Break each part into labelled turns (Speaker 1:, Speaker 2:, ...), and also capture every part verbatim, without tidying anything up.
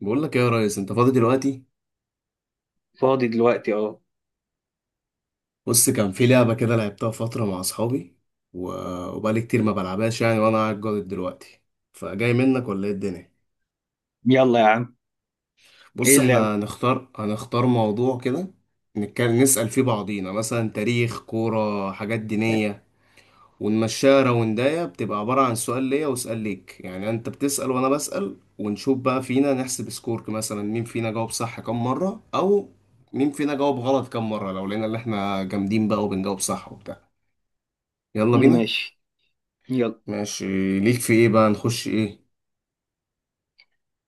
Speaker 1: بقول لك إيه يا ريس، انت فاضي دلوقتي؟
Speaker 2: فاضي دلوقتي، اه.
Speaker 1: بص، كان في لعبه كده لعبتها فتره مع اصحابي و... وبقالي كتير ما بلعبهاش يعني، وانا قاعد جاضد دلوقتي، فجاي منك ولا ايه الدنيا؟
Speaker 2: يلا يا عم. ايه
Speaker 1: بص،
Speaker 2: اللعبة؟
Speaker 1: احنا هنختار هنختار موضوع كده، نتكلم نسأل فيه بعضينا مثلا تاريخ كوره، حاجات دينيه، ونمشيها راوندايه. بتبقى عبارة عن سؤال ليا وسؤال ليك، يعني انت بتسأل وانا بسأل، ونشوف بقى فينا، نحسب سكور مثلا مين فينا جاوب صح كام مرة، او مين فينا جاوب غلط كام مرة، لو لقينا اللي احنا جامدين بقى وبنجاوب صح وبتاع. يلا بينا.
Speaker 2: ماشي. يلا.
Speaker 1: ماشي. ليك في ايه بقى، نخش ايه؟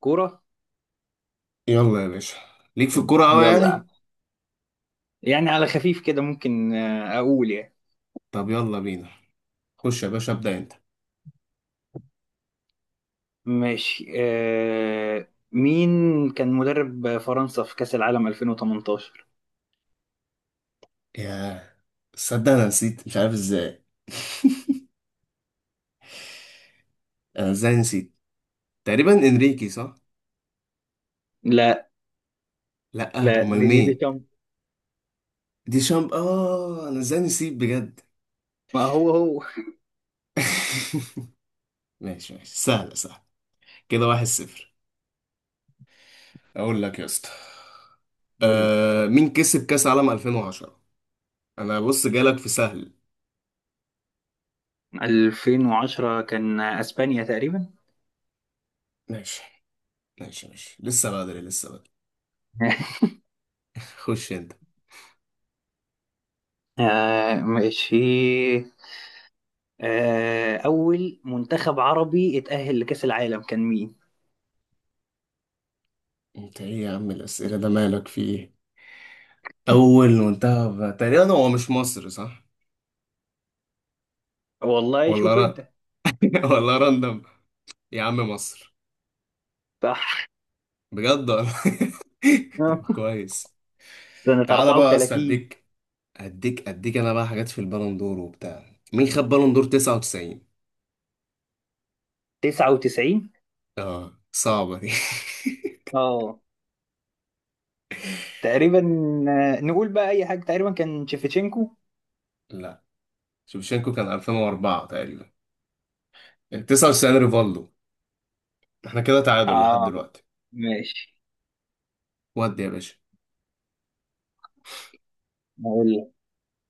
Speaker 2: كورة.
Speaker 1: يلا يا باشا. ليك في الكورة اوي
Speaker 2: يلا يا عم.
Speaker 1: يعني.
Speaker 2: يعني على خفيف كده ممكن، آه، اقول يعني.
Speaker 1: طب يلا بينا. خش يا باشا، ابدأ انت.
Speaker 2: ماشي، آه مين كان مدرب فرنسا في كأس العالم ألفين وتمنتاشر؟
Speaker 1: ياه، تصدق انا نسيت، مش عارف ازاي. انا ازاي نسيت؟ تقريبا انريكي، صح؟
Speaker 2: لا.
Speaker 1: لا،
Speaker 2: لا،
Speaker 1: امال
Speaker 2: ديدي
Speaker 1: مين؟
Speaker 2: ديشامب.
Speaker 1: دي شامب، اه، انا ازاي نسيب بجد.
Speaker 2: ما هو هو.
Speaker 1: ماشي ماشي، سهلة سهلة. كده واحد صفر. اقول لك يا اسطى، آه مين كسب كاس عالم ألفين وعشرة؟ انا بص جالك في سهل.
Speaker 2: ألفين وعشرة كان اسبانيا تقريبا.
Speaker 1: ماشي ماشي ماشي، لسه بدري لسه بدري. خش انت.
Speaker 2: آه ماشي، آه أول منتخب عربي اتأهل لكأس العالم كان مين؟
Speaker 1: انت ايه يا عم الاسئله ده، مالك في ايه؟ اول منتخب تقريبا، هو مش مصر، صح؟
Speaker 2: والله
Speaker 1: ولا
Speaker 2: شوف
Speaker 1: ر...
Speaker 2: أنت.
Speaker 1: ولا راندم. يا عم مصر.
Speaker 2: صح.
Speaker 1: بجد ولا؟ طب كويس.
Speaker 2: سنة
Speaker 1: تعالى بقى يا اسطى،
Speaker 2: أربعة وثلاثين.
Speaker 1: اديك، اديك اديك انا بقى حاجات في البالون دور وبتاع. مين خد بالون دور تسعة وتسعين؟
Speaker 2: تسعة وتسعين.
Speaker 1: اه صعبة دي.
Speaker 2: اه، تقريبا، آه، نقول بقى أي حاجة. تقريبا كان شيفتشينكو.
Speaker 1: لا، شوفشينكو كان ألفين وأربعة تقريبا. تسعة وتسعين ريفالدو. احنا كده تعادل لحد
Speaker 2: اه،
Speaker 1: دلوقتي.
Speaker 2: ماشي.
Speaker 1: ودي يا باشا.
Speaker 2: أقول لك.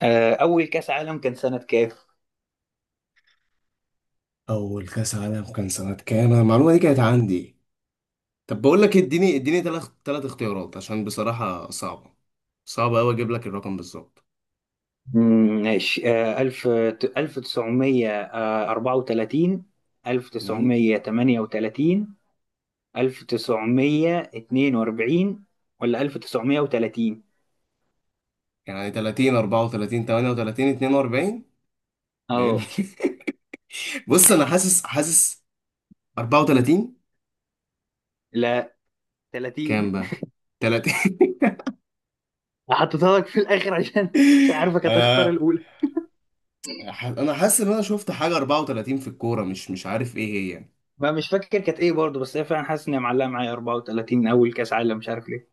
Speaker 2: آه، أول كأس عالم كان سنة كام؟
Speaker 1: اول كاس عالم كان سنة كام؟ أنا المعلومة دي كانت عندي. طب بقول لك إيه، اديني اديني ثلاث ثلاث اختيارات عشان بصراحة صعبة، صعبة قوي، اجيب لك الرقم بالظبط.
Speaker 2: مم. ماشي، آه، ألف ألف تسعمية آه، أربعة وتلاتين. ألف
Speaker 1: أمم.
Speaker 2: تسعمية تمانية وتلاتين ألف تسعمية اتنين وأربعين. ولا ألف تسعمية وتلاتين.
Speaker 1: يعني تلاتين، أربعة وتلاتين، تمانية وتلاتين، اتنين وأربعين؟ ده إيه اللي-
Speaker 2: اه،
Speaker 1: بص انا حاسس حاسس أربعة وتلاتين.
Speaker 2: لا،
Speaker 1: كام
Speaker 2: تلاتين.
Speaker 1: بقى؟ تلاتة.
Speaker 2: حطيتها لك في الآخر عشان مش عارفك هتختار
Speaker 1: آه
Speaker 2: الأولى.
Speaker 1: ح- انا حاسس ان انا شفت حاجه أربعة وتلاتين في الكوره، مش مش عارف ايه هي يعني.
Speaker 2: ما مش فاكر كانت ايه برضه، بس هي فعلا حاسس ان هي معلقه معايا أربعة وتلاتين اول كاس عالم مش عارف ليه.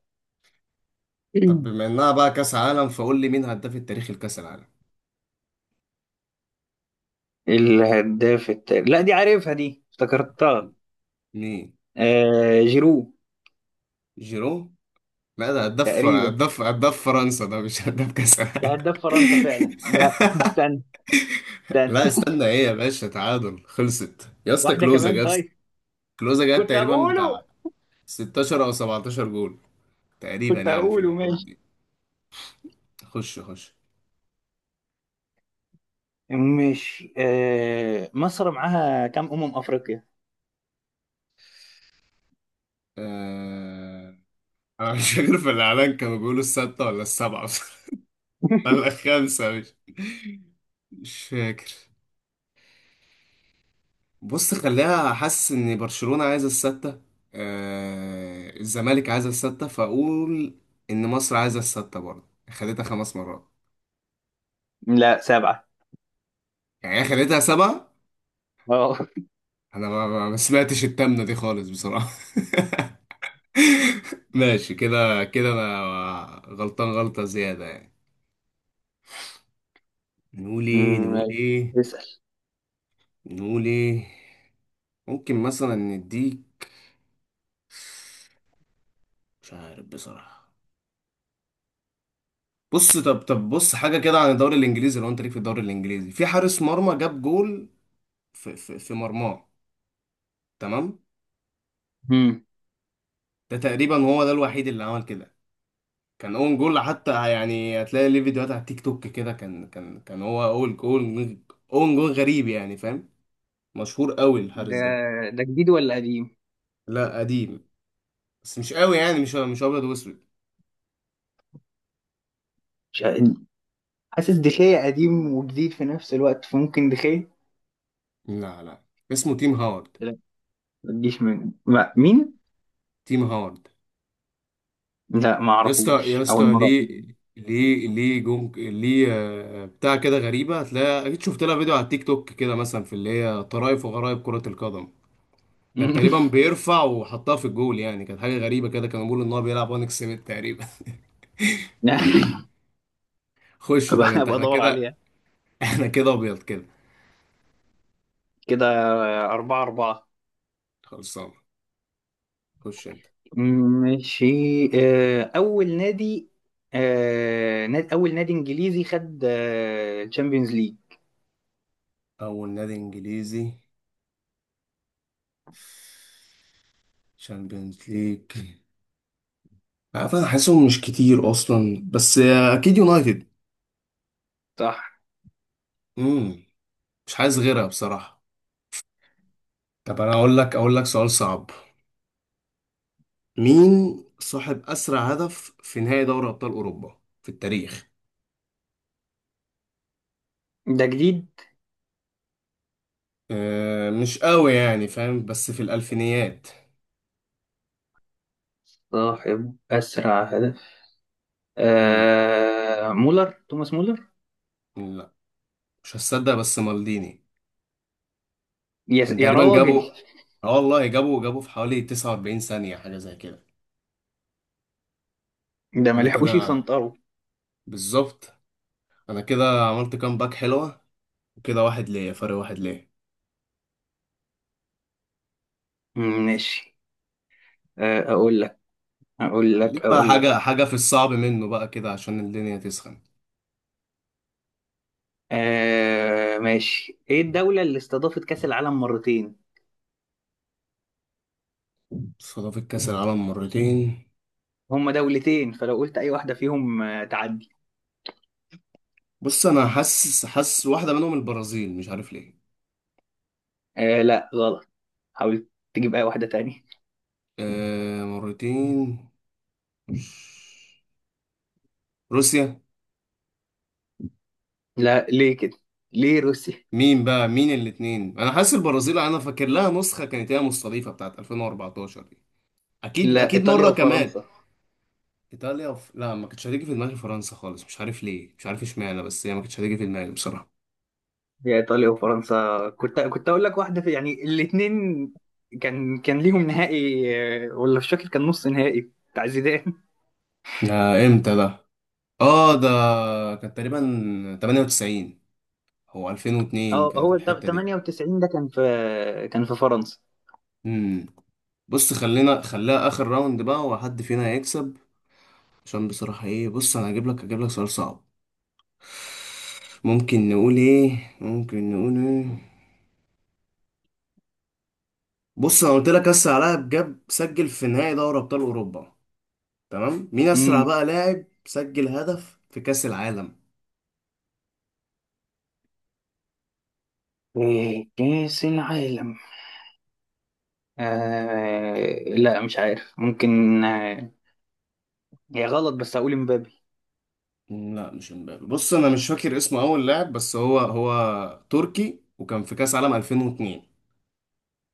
Speaker 1: طب
Speaker 2: مم.
Speaker 1: بما انها بقى كاس عالم، فقول لي مين هداف التاريخ الكاس العالم؟
Speaker 2: الهداف التاريخ؟ لا، دي عارفها، دي افتكرتها.
Speaker 1: مين؟
Speaker 2: آه جيرو.
Speaker 1: جيرو؟ لا، ده هداف
Speaker 2: تقريبا.
Speaker 1: هداف هداف فرنسا، ده مش هداف كاس
Speaker 2: ده
Speaker 1: العالم.
Speaker 2: هداف فرنسا فعلا. لا، استنى. استنى
Speaker 1: لا استنى، ايه يا باشا؟ تعادل خلصت يا اسطى،
Speaker 2: واحدة
Speaker 1: كلوزا
Speaker 2: كمان
Speaker 1: جاب،
Speaker 2: طيب.
Speaker 1: كلوزا جاب
Speaker 2: كنت
Speaker 1: تقريبا بتاع
Speaker 2: هقوله.
Speaker 1: ستة عشر او سبعة عشر جول، تقريبا
Speaker 2: كنت
Speaker 1: يعني في
Speaker 2: هقوله
Speaker 1: الحدود
Speaker 2: ماشي.
Speaker 1: دي. خش خش.
Speaker 2: ماشي، آه مصر معاها كام أمم أفريقيا؟
Speaker 1: آه... انا مش فاكر، في الاعلان كانوا بيقولوا الستة ولا السبعة؟ بصراحة، ولا الخمسة؟ مش، مش فاكر. بص خليها، حاسس ان برشلونة عايزة الستة، آه الزمالك عايزة الستة، فاقول ان مصر عايزة الستة برضه، خدتها خمس مرات
Speaker 2: لا، سبعة.
Speaker 1: يعني، هي خدتها سبعة.
Speaker 2: اه.
Speaker 1: انا ما, ما ما سمعتش التامنة دي خالص بصراحة. ماشي، كده كده انا غلطان غلطة زيادة يعني. نقول ايه؟ نقول
Speaker 2: أمم،
Speaker 1: ايه؟
Speaker 2: اسأل.
Speaker 1: نقول ايه؟ ممكن مثلا نديك، مش عارف بصراحة. بص، طب طب بص حاجة كده عن الدوري الإنجليزي. لو أنت ليك في الدوري الإنجليزي، في حارس مرمى جاب جول، في في, في مرماه، تمام؟
Speaker 2: مم.
Speaker 1: ده تقريبا هو ده الوحيد اللي عمل كده، كان اون جول حتى يعني، هتلاقي ليه فيديوهات على التيك توك كده، كان كان كان هو اول جول. اون جول غريب يعني، فاهم؟ مشهور قوي الحارس
Speaker 2: ده
Speaker 1: ده.
Speaker 2: ده جديد ولا قديم؟
Speaker 1: لا قديم، بس مش قوي يعني، مش مش ابيض واسود.
Speaker 2: مش حاسس دخية قديم وجديد في نفس الوقت، فممكن دخية.
Speaker 1: لا لا. اسمه تيم هاورد.
Speaker 2: لا، ما تجيش من، ما مين.
Speaker 1: تيم هاورد.
Speaker 2: لا ما
Speaker 1: يا اسطى يا
Speaker 2: اعرفوش، اول
Speaker 1: اسطى
Speaker 2: مرة.
Speaker 1: ليه؟ ليه ليه جون ليه؟ آه، بتاع كده غريبة، هتلاقي أكيد شفت لها فيديو على التيك توك كده مثلا، في اللي هي طرائف وغرائب كرة القدم. كان تقريبا بيرفع وحطها في الجول يعني، كانت حاجة غريبة كده، كانوا بيقولوا إن هو بيلعب وان اكسبت تقريبا.
Speaker 2: لا.
Speaker 1: خش، طب
Speaker 2: أبقى
Speaker 1: أنت،
Speaker 2: أبقى
Speaker 1: احنا
Speaker 2: ادور
Speaker 1: كده،
Speaker 2: عليها.
Speaker 1: احنا كده أبيض كده.
Speaker 2: كده. أربعة أربعة.
Speaker 1: خلصان. خش أنت.
Speaker 2: ماشي، آه، أول نادي آه، ناد- أول نادي إنجليزي خد تشامبيونز ليج.
Speaker 1: أول نادي إنجليزي شامبيونز ليج. عارف، أنا حاسسهم مش كتير أصلا، بس آه، أكيد يونايتد.
Speaker 2: صح.
Speaker 1: امم مش عايز غيرها بصراحة. طب انا اقول لك اقول لك سؤال صعب. مين صاحب اسرع هدف في نهائي دوري ابطال اوروبا في التاريخ؟
Speaker 2: ده جديد؟
Speaker 1: أه مش قوي يعني فاهم، بس في الالفينيات.
Speaker 2: صاحب أسرع هدف.
Speaker 1: امم
Speaker 2: آه، مولر توماس مولر.
Speaker 1: لا مش هتصدق، بس مالديني.
Speaker 2: يا
Speaker 1: كان
Speaker 2: يا
Speaker 1: تقريبا
Speaker 2: راجل.
Speaker 1: جابوا، اه والله، جابوا جابوا في حوالي تسعة وأربعين ثانية، حاجة زي كده.
Speaker 2: ده ما
Speaker 1: انا
Speaker 2: لحقوش
Speaker 1: كده.
Speaker 2: يسنطروا.
Speaker 1: بالظبط. انا كده عملت كام باك حلوة، وكده واحد ليا، فرق واحد ليا.
Speaker 2: ماشي، آه، أقول اقول لك
Speaker 1: خليك بقى
Speaker 2: اقول لك
Speaker 1: حاجة، حاجة في الصعب منه بقى كده عشان الدنيا تسخن.
Speaker 2: آه ماشي. ايه الدولة اللي استضافت كأس العالم مرتين؟
Speaker 1: استضاف كأس العالم مرتين.
Speaker 2: هما دولتين، فلو قلت اي واحدة فيهم آه تعدي.
Speaker 1: بص، انا حاسس حاسس واحده منهم البرازيل، مش عارف ليه.
Speaker 2: آه لا غلط. حاول تجيب اي واحدة تانية.
Speaker 1: آه مرتين. مش- روسيا.
Speaker 2: لا، ليه كده؟ ليه روسيا؟
Speaker 1: مين بقى، مين الاتنين؟ انا حاسس البرازيل، انا فاكر لها نسخه كانت هي مستضيفه بتاعت ألفين وأربعتاشر دي، اكيد
Speaker 2: لا،
Speaker 1: اكيد
Speaker 2: ايطاليا
Speaker 1: مره كمان.
Speaker 2: وفرنسا.
Speaker 1: ايطاليا وف... لا ما كانتش هتيجي في دماغي فرنسا خالص، مش عارف ليه، مش عارف اشمعنى، بس هي ما كانتش هتيجي في دماغي بصراحه.
Speaker 2: هي ايطاليا وفرنسا، كنت كنت اقول لك واحدة، في يعني الاتنين كان كان ليهم نهائي. آه، ولا مش فاكر كان نص نهائي بتاع زيدان.
Speaker 1: آه امتى ده؟ اه ده كان تقريبا تمانية وتسعين او ألفين واتنين،
Speaker 2: اه،
Speaker 1: كانت
Speaker 2: هو ت-
Speaker 1: الحته دي.
Speaker 2: تمانية وتسعين ده كان في كان في فرنسا.
Speaker 1: امم بص خلينا خليها اخر راوند بقى، وحد فينا هيكسب، عشان بصراحة ايه. بص انا هجيب لك هجيب لك سؤال صعب. ممكن نقول ايه؟ ممكن نقول ايه؟ بص انا قلت لك اسرع لاعب جاب سجل في نهائي دوري ابطال اوروبا، تمام؟ مين اسرع
Speaker 2: امم.
Speaker 1: بقى لاعب سجل هدف في كاس العالم؟
Speaker 2: كأس العالم. آه لا مش عارف، ممكن. آه هي غلط، بس هقول مبابي.
Speaker 1: مم، لا مش امبابي. بص انا مش فاكر اسمه اول لاعب، بس هو هو تركي، وكان في كاس عالم ألفين واتنين.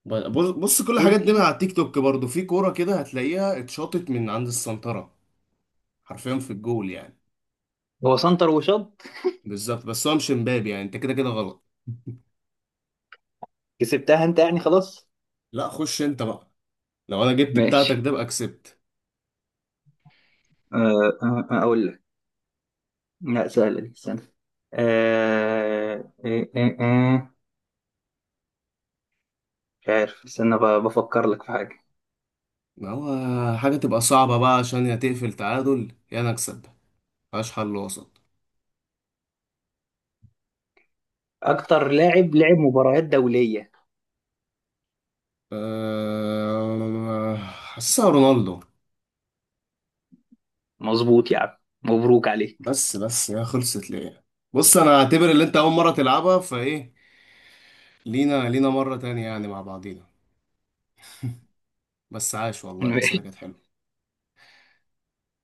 Speaker 1: ب- بص بص كل الحاجات دي من
Speaker 2: تركي.
Speaker 1: على التيك توك برضو، في كورة كده هتلاقيها اتشاطت من عند السنترة حرفيا في الجول يعني.
Speaker 2: هو سنتر وشط.
Speaker 1: بالظبط، بس هو مش امبابي يعني، انت كده كده غلط.
Speaker 2: كسبتها انت يعني خلاص.
Speaker 1: لا خش انت بقى، لو انا جبت بتاعتك
Speaker 2: ماشي.
Speaker 1: ده بقى كسبت.
Speaker 2: آه آه آه، اقول لك. لا سهلة دي، استنى. آه آه آه آه مش عارف، استنى، ب- بفكر لك في حاجة.
Speaker 1: ما هو حاجة تبقى صعبة بقى، عشان يا تقفل تعادل يا انا اكسب، ملهاش حل وسط.
Speaker 2: اكتر لاعب لعب مباريات دولية.
Speaker 1: أه... حاسسها رونالدو.
Speaker 2: مظبوط يا عم. مبروك عليك.
Speaker 1: بس بس يا خلصت ليه؟ بص انا اعتبر اللي انت اول مرة تلعبها، فايه لينا، لينا مرة تانية يعني مع بعضينا. بس عاش والله، الأسئلة كانت حلوة.